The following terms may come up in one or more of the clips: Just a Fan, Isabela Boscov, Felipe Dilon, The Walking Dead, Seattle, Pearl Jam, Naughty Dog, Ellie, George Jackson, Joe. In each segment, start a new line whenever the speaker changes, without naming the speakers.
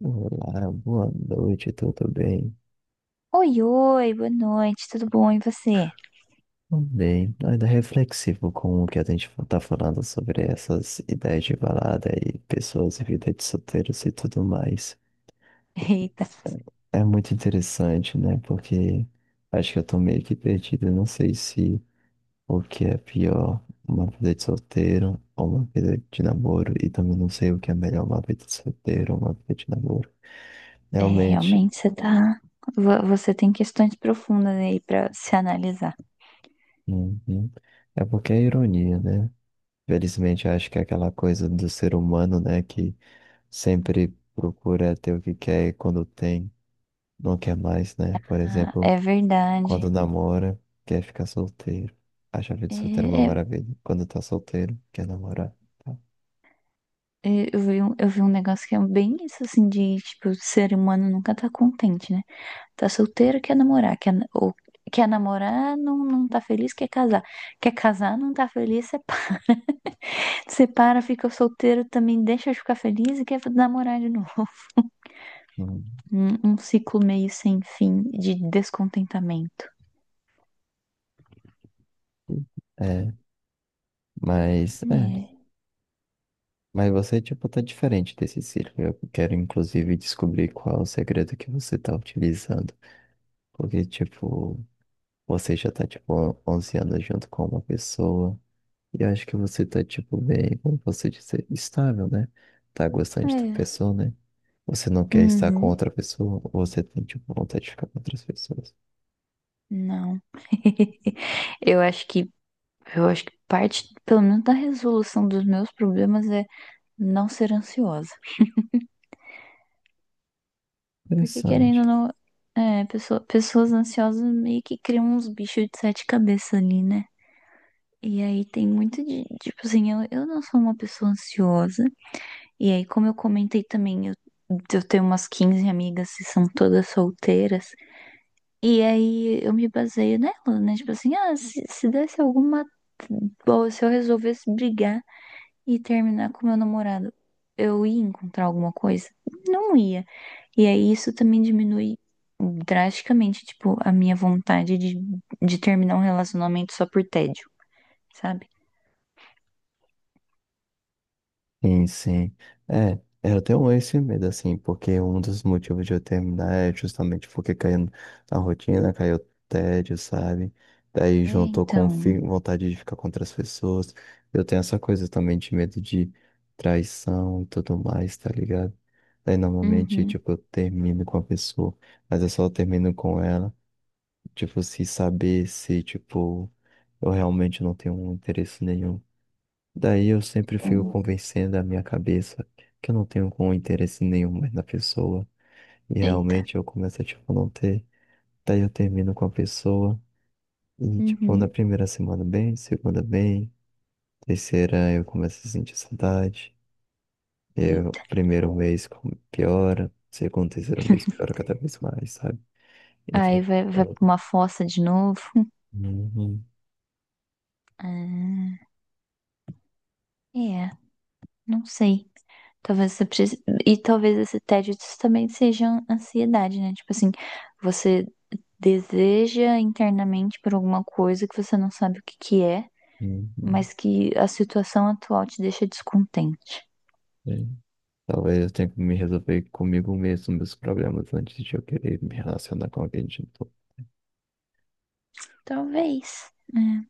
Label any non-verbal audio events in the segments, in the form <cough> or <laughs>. Olá, boa noite, tudo bem?
Oi, oi, boa noite, tudo bom? E você?
Tudo bem, ainda reflexivo com o que a gente tá falando sobre essas ideias de balada e pessoas e vida de solteiros e tudo mais.
<laughs> Eita.
É muito interessante, né? Porque acho que eu tô meio que perdido, eu não sei se o que é pior, uma vida de solteiro ou uma vida de namoro, e também não sei o que é melhor, uma vida de solteiro ou uma vida de namoro.
É,
Realmente.
realmente você tá. Você tem questões profundas aí pra se analisar.
Uhum. É porque é ironia, né? Felizmente, eu acho que é aquela coisa do ser humano, né, que sempre procura ter o que quer e quando tem, não quer mais, né? Por
Ah,
exemplo,
é verdade.
quando namora, quer ficar solteiro. Acha a vida solteira uma
É,
maravilha. Quando tá solteiro, quer namorar. Tá?
é, eu vi um negócio que é bem isso, assim, de, tipo, o ser humano nunca tá contente, né? Tá solteiro, quer namorar. Ou quer namorar, não, não tá feliz, quer casar. Quer casar, não tá feliz, separa. <laughs> Separa, fica solteiro também, deixa de ficar feliz e quer namorar de novo. <laughs>
Hum.
Um ciclo meio sem fim de descontentamento.
É, mas é,
É,
mas você tipo tá diferente desse círculo. Eu quero inclusive descobrir qual é o segredo que você tá utilizando, porque tipo você já tá, tipo, 11 anos junto com uma pessoa. E eu acho que você tá, tipo, bem, como você disse, estável, né? Tá gostando de outra
é.
pessoa, né? Você não quer estar com
Uhum.
outra pessoa, você tem, tipo, vontade de ficar com outras pessoas.
Não. <laughs> Eu acho que eu acho que parte, pelo menos, da resolução dos meus problemas é não ser ansiosa. Porque querendo
Interessante.
ou não, pessoas ansiosas meio que criam uns bichos de sete cabeças ali, né? E aí tem muito de, tipo assim, eu não sou uma pessoa ansiosa. E aí, como eu comentei também, eu tenho umas 15 amigas que são todas solteiras. E aí eu me baseio nela, né? Tipo assim, ah, se desse alguma. Bom, se eu resolvesse brigar e terminar com meu namorado, eu ia encontrar alguma coisa? Não ia. E aí isso também diminui drasticamente, tipo, a minha vontade de terminar um relacionamento só por tédio, sabe?
Sim, sim. É, eu tenho esse medo, assim, porque um dos motivos de eu terminar é justamente porque caiu na rotina, caiu tédio, sabe? Daí
É,
juntou com
então.
vontade de ficar com outras pessoas. Eu tenho essa coisa também de medo de traição e tudo mais, tá ligado? Daí normalmente,
Uhum.
tipo, eu termino com a pessoa, mas eu só termino com ela, tipo, se saber se, tipo, eu realmente não tenho interesse nenhum. Daí eu sempre fico
Uhum.
convencendo a minha cabeça que eu não tenho com interesse nenhum mais na pessoa. E
Eita.
realmente eu começo a, tipo, não ter. Daí eu termino com a pessoa. E, tipo, na
Uhum.
primeira semana bem, segunda bem, terceira eu começo a sentir saudade. Eu,
Eita.
primeiro mês piora, segundo, terceiro mês piora
<laughs>
cada vez mais, sabe?
Aí
Então,
vai
eu-
pra uma fossa de novo.
Uhum,
Ah, é, não sei. Talvez você precise. E talvez esse tédio também seja ansiedade, né? Tipo assim, você deseja internamente por alguma coisa que você não sabe o que que é,
uhum,
mas que a situação atual te deixa descontente.
é. Talvez eu tenha que me resolver comigo mesmo meus problemas antes de eu querer me relacionar com alguém de novo.
Talvez, né?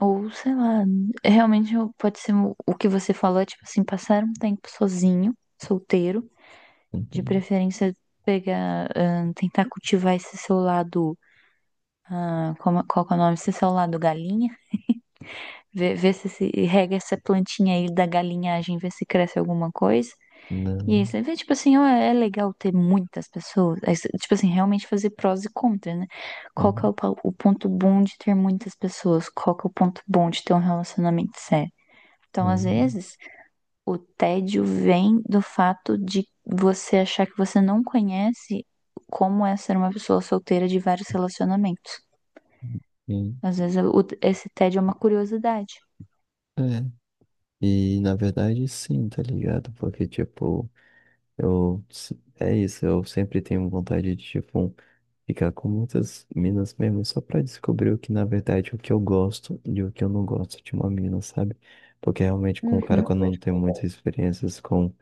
Ou sei lá, realmente pode ser o que você falou, é tipo assim, passar um tempo sozinho, solteiro, de
Uhum.
preferência pegar, tentar cultivar esse seu lado. Qual que é o nome? Esse seu lado galinha, ver se rega essa plantinha aí da galinhagem, ver se cresce alguma coisa.
Não.
Isso, aí vê, tipo assim, ó, é legal ter muitas pessoas, tipo assim, realmente fazer prós e contras, né? Qual que é
Uhum.
o ponto bom de ter muitas pessoas? Qual que é o ponto bom de ter um relacionamento sério? Então, às
Uhum.
vezes, o tédio vem do fato de você achar que você não conhece como é ser uma pessoa solteira de vários relacionamentos.
Uhum.
Às vezes, esse tédio é uma curiosidade.
É. E na verdade sim, tá ligado? Porque tipo, eu se- é isso, eu sempre tenho vontade de tipo ficar com muitas minas mesmo só pra descobrir o que na verdade o que eu gosto e o que eu não gosto de uma mina, sabe? Porque realmente com o cara
Uhum,
quando não tem muitas experiências com...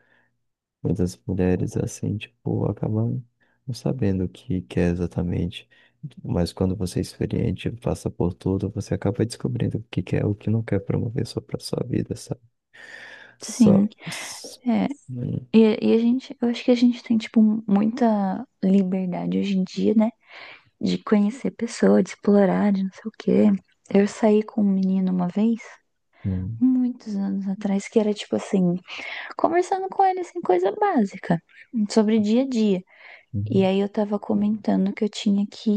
Mas as mulheres, assim, tipo, acabam não sabendo o que que é exatamente. Mas quando você é experiente, passa por tudo, você acaba descobrindo o que quer, o que não quer promover só para sua vida, sabe? Só.
sim, é.
Hum,
E, e a gente, eu acho que a gente tem, tipo, muita liberdade hoje em dia, né? De conhecer pessoas, de explorar, de não sei o quê. Eu saí com um menino uma vez,
hum,
muitos anos atrás, que era tipo assim, conversando com ele, assim, coisa básica, sobre dia a dia. E
hum.
aí eu tava comentando que eu tinha que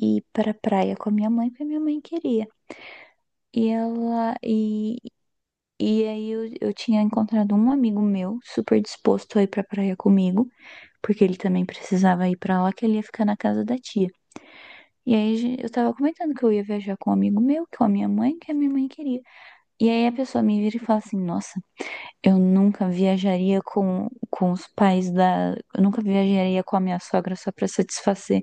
ir pra praia com a minha mãe, porque a minha mãe queria. E ela, e, e aí eu tinha encontrado um amigo meu, super disposto a ir pra praia comigo, porque ele também precisava ir pra lá, que ele ia ficar na casa da tia. E aí eu tava comentando que eu ia viajar com um amigo meu, com a minha mãe, que a minha mãe queria. E aí a pessoa me vira e fala assim, nossa, eu nunca viajaria com os pais da. Eu nunca viajaria com a minha sogra só pra satisfazer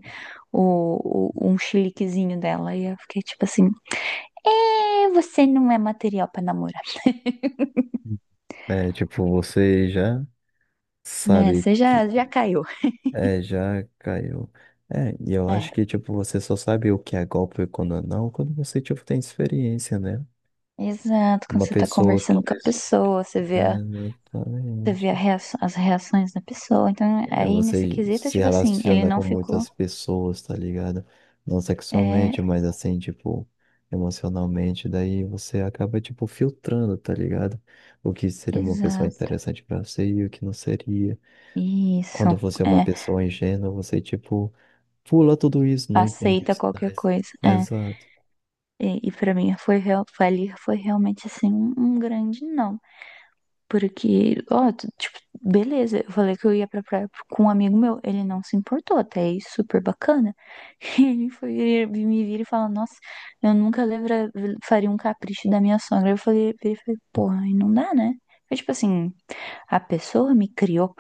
um chiliquezinho dela. E eu fiquei tipo assim: é, você não é material pra namorar.
É, tipo, você já
Né?
sabe
Você
que.
já caiu.
É, já caiu. É, e eu acho
É,
que, tipo, você só sabe o que é golpe e quando não, quando você, tipo, tem experiência, né?
exato. Quando
Uma
você tá
pessoa
conversando
que.
com a pessoa,
É,
você
exatamente.
vê as reações da pessoa. Então,
É,
aí nesse
você
quesito,
se
tipo assim, ele
relaciona
não
com
ficou.
muitas pessoas, tá ligado? Não sexualmente,
É,
mas assim, tipo, emocionalmente. Daí você acaba, tipo, filtrando, tá ligado? O que seria uma pessoa
exato.
interessante pra você e o que não seria.
Isso.
Quando você é uma
É,
pessoa ingênua, você, tipo, pula tudo isso, não entende
aceita
os
qualquer
sinais.
coisa. É.
Exato.
E para mim foi realmente assim um grande não. Porque, ó, tipo, beleza, eu falei que eu ia pra praia com um amigo meu, ele não se importou, até aí super bacana. <laughs> E ele me vir e falar, nossa, eu nunca, lembra, faria um capricho da minha sogra. Ele falei, porra, aí não dá, né? Mas, tipo assim, a pessoa me criou.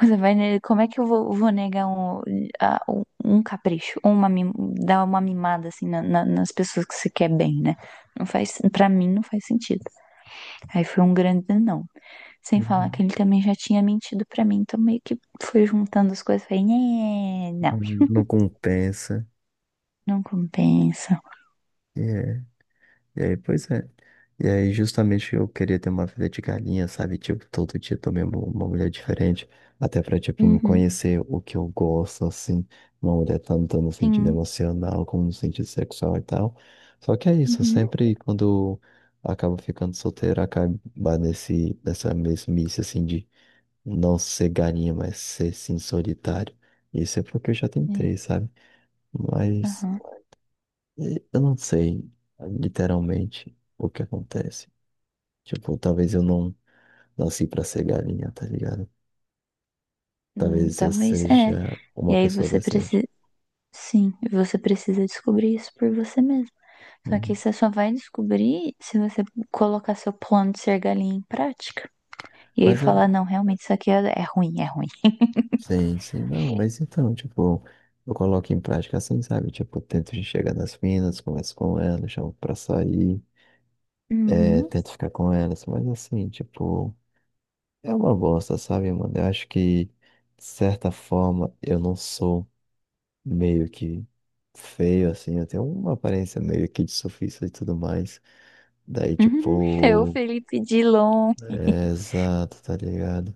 Você vai, como é que eu vou negar um capricho, ou uma, dar uma mimada assim, nas pessoas que você quer bem, né? Para mim não faz sentido. Aí foi um grande não. Sem falar que
Uhum.
ele também já tinha mentido pra mim, então meio que foi juntando as coisas, falei: "Nhê, não,
Não compensa.
não compensa."
É. E aí, pois é. E aí, justamente eu queria ter uma vida de galinha, sabe? Tipo, todo dia eu mesmo uma mulher diferente, até pra, tipo, me
Uhum,
conhecer o que eu gosto, assim. Uma mulher tanto no sentido
sim,
emocional como no sentido sexual e tal. Só que é isso,
uhum,
sempre quando eu acabo ficando solteiro, acaba nessa mesmice, assim, de não ser galinha, mas ser, sim, solitário. Isso é porque eu já
é,
tentei, sabe? Mas.
aham.
E eu não sei, literalmente, o que acontece. Tipo, talvez eu não nasci pra ser galinha, tá ligado? Talvez eu
Talvez é.
seja
E
uma
aí
pessoa
você
decente.
precisa, sim, você precisa descobrir isso por você mesmo. Só que
Uhum.
você só vai descobrir se você colocar seu plano de ser galinha em prática. E aí
Mas é,
falar, não, realmente isso aqui é ruim, é ruim.
sim, sim, não, mas então, tipo, eu coloco em prática assim, sabe? Tipo, eu tento chegar nas minas, converso com elas, chamo pra sair,
Uhum. <laughs>
tento ficar com elas, mas assim, tipo, é uma bosta, sabe, mano? Eu acho que, de certa forma, eu não sou meio que feio, assim, eu tenho uma aparência meio que de surfista e tudo mais. Daí,
Uhum. Eu,
tipo.
Felipe Dilon.
É, exato, tá ligado?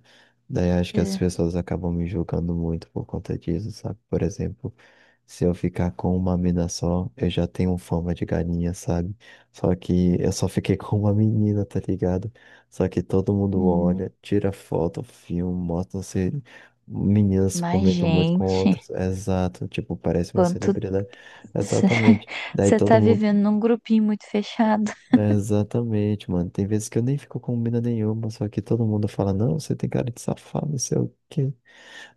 Daí acho que as
É.
pessoas acabam me julgando muito por conta disso, sabe? Por exemplo, se eu ficar com uma mina só, eu já tenho fama de galinha, sabe? Só que eu só fiquei <laughs> com uma menina, tá ligado? Só que todo mundo
Hum,
olha, tira foto, filma, mostra se meninas
Mas,
comentam muito com
gente,
outras. Exato, tipo, parece uma
quanto
celebridade.
<laughs>
Exatamente. Daí
você
todo
tá
mundo
vivendo num grupinho muito fechado.
é, exatamente, mano. Tem vezes que eu nem fico com mina nenhuma, só que todo mundo fala, não, você tem cara de safado, não sei o quê.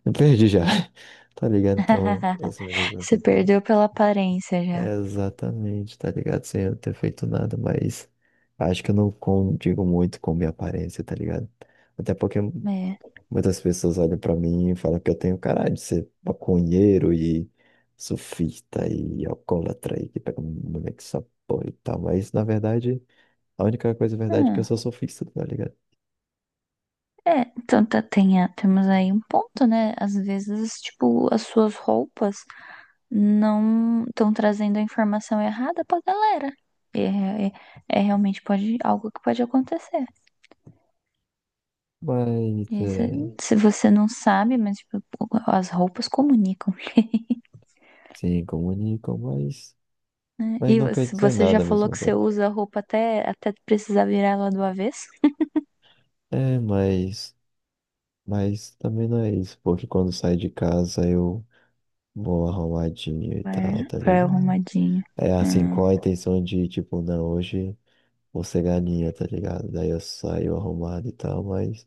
Eu perdi já, <laughs> tá ligado? Então,
<laughs>
as minas
Você
assim tem um...
perdeu pela aparência
É,
já.
exatamente, tá ligado? Sem eu ter feito nada, mas acho que eu não condigo muito com minha aparência, tá ligado? Até porque
É.
muitas pessoas olham pra mim e falam que eu tenho cara de ser maconheiro e sufista e alcoólatra e que pega mulher que só porra e tal, mas na verdade... A única coisa verdade é que eu
Ah,
sou sofista, tá ligado?
é, então tá, temos aí um ponto, né? Às vezes, tipo, as suas roupas não estão trazendo a informação errada pra galera. É, é, é, realmente pode, algo que pode acontecer.
Mas,
E se,
é,
se você não sabe, mas tipo, as roupas comunicam. <laughs>
sim, comunicam, mas,
Né?
mas
E
não quer
você
dizer
você já
nada ao
falou
mesmo
que você
tempo.
usa a roupa até precisar virar ela do avesso?
É, mas também não é isso, porque quando saio de casa eu vou arrumadinho e
Vai,
tal, tá
vai
ligado?
arrumadinho.
É assim,
Hum.
com a intenção de, tipo, não, hoje vou ser galinha, tá ligado? Daí eu saio arrumado e tal, mas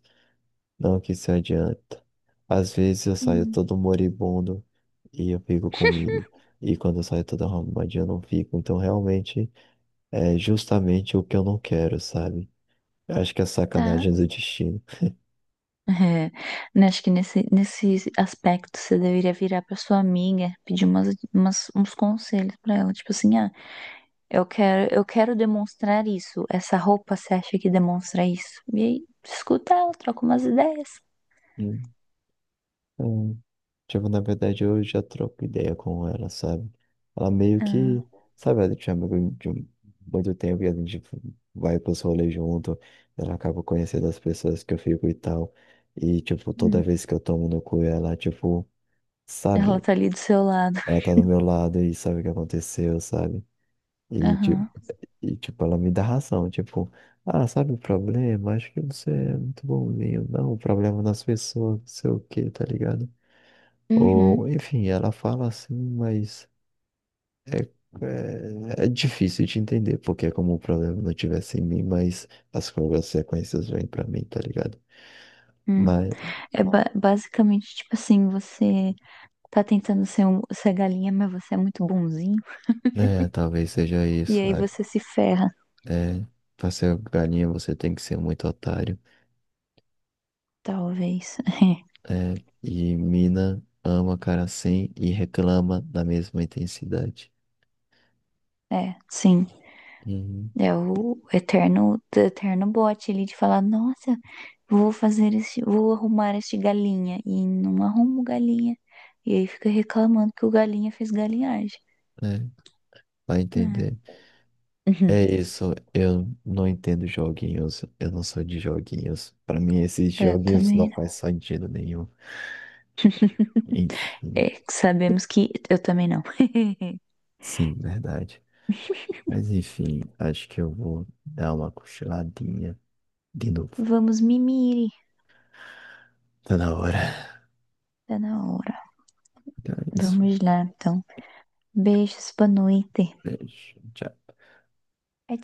não que se adianta. Às vezes eu saio
Hum,
todo moribundo e eu fico comigo. E quando eu saio todo arrumadinho eu não fico. Então realmente é justamente o que eu não quero, sabe? Eu acho que é
Tá.
sacanagem do destino.
É, né, acho que nesse aspecto você deveria virar pra sua amiga, pedir uns conselhos pra ela. Tipo assim, eu quero demonstrar isso. Essa roupa, você acha que demonstra isso? E aí, escuta ela, troca umas ideias.
Hum. É. Tipo, na verdade eu já troco ideia com ela, sabe? Ela meio
Ah,
que, sabe, ela tinha amigo de um, muito tempo e a gente vai pros rolês junto. Ela acaba conhecendo as pessoas que eu fico e tal. E, tipo, toda
hum.
vez que eu tomo no cu ela, tipo.
Ela
sabe?
tá ali do seu lado.
Ela tá do meu lado e sabe o que aconteceu, sabe? E tipo,
Aham.
e tipo, ela me dá razão, tipo, ah, sabe o problema? Acho que você é muito bonzinho, não, o problema é das pessoas, não sei o quê, tá ligado? Ou,
Uhum.
enfim, ela fala assim, mas é, é difícil de entender, porque é como o problema não tivesse em mim, mas as consequências vêm pra mim, tá ligado?
Hum.
Mas,
É basicamente, tipo assim, você tá tentando ser galinha, mas você é muito bonzinho.
é, talvez seja
E
isso,
aí
sabe?
você se ferra,
É, pra ser galinha você tem que ser muito otário.
talvez. <laughs>
É, e mina ama cara assim e reclama da mesma intensidade.
É, sim.
Uhum,
É o eterno, eterno bote ali de falar, nossa, vou arrumar este galinha. E não arrumo galinha. E aí fica reclamando que o galinha fez galinhagem.
é, vai
Ah,
entender.
uhum.
É isso, eu não entendo joguinhos, eu não sou de joguinhos. Pra mim, esses
Eu
joguinhos não
também
faz
não.
sentido nenhum. Enfim,
É, sabemos que eu também não.
sim, verdade. Mas enfim, acho que eu vou dar uma cochiladinha de
<laughs>
novo.
Vamos mimir.
Tá na hora.
Tá na hora.
Então é isso.
Vamos lá, então. Beijos, boa noite.
Beijo. Tchau.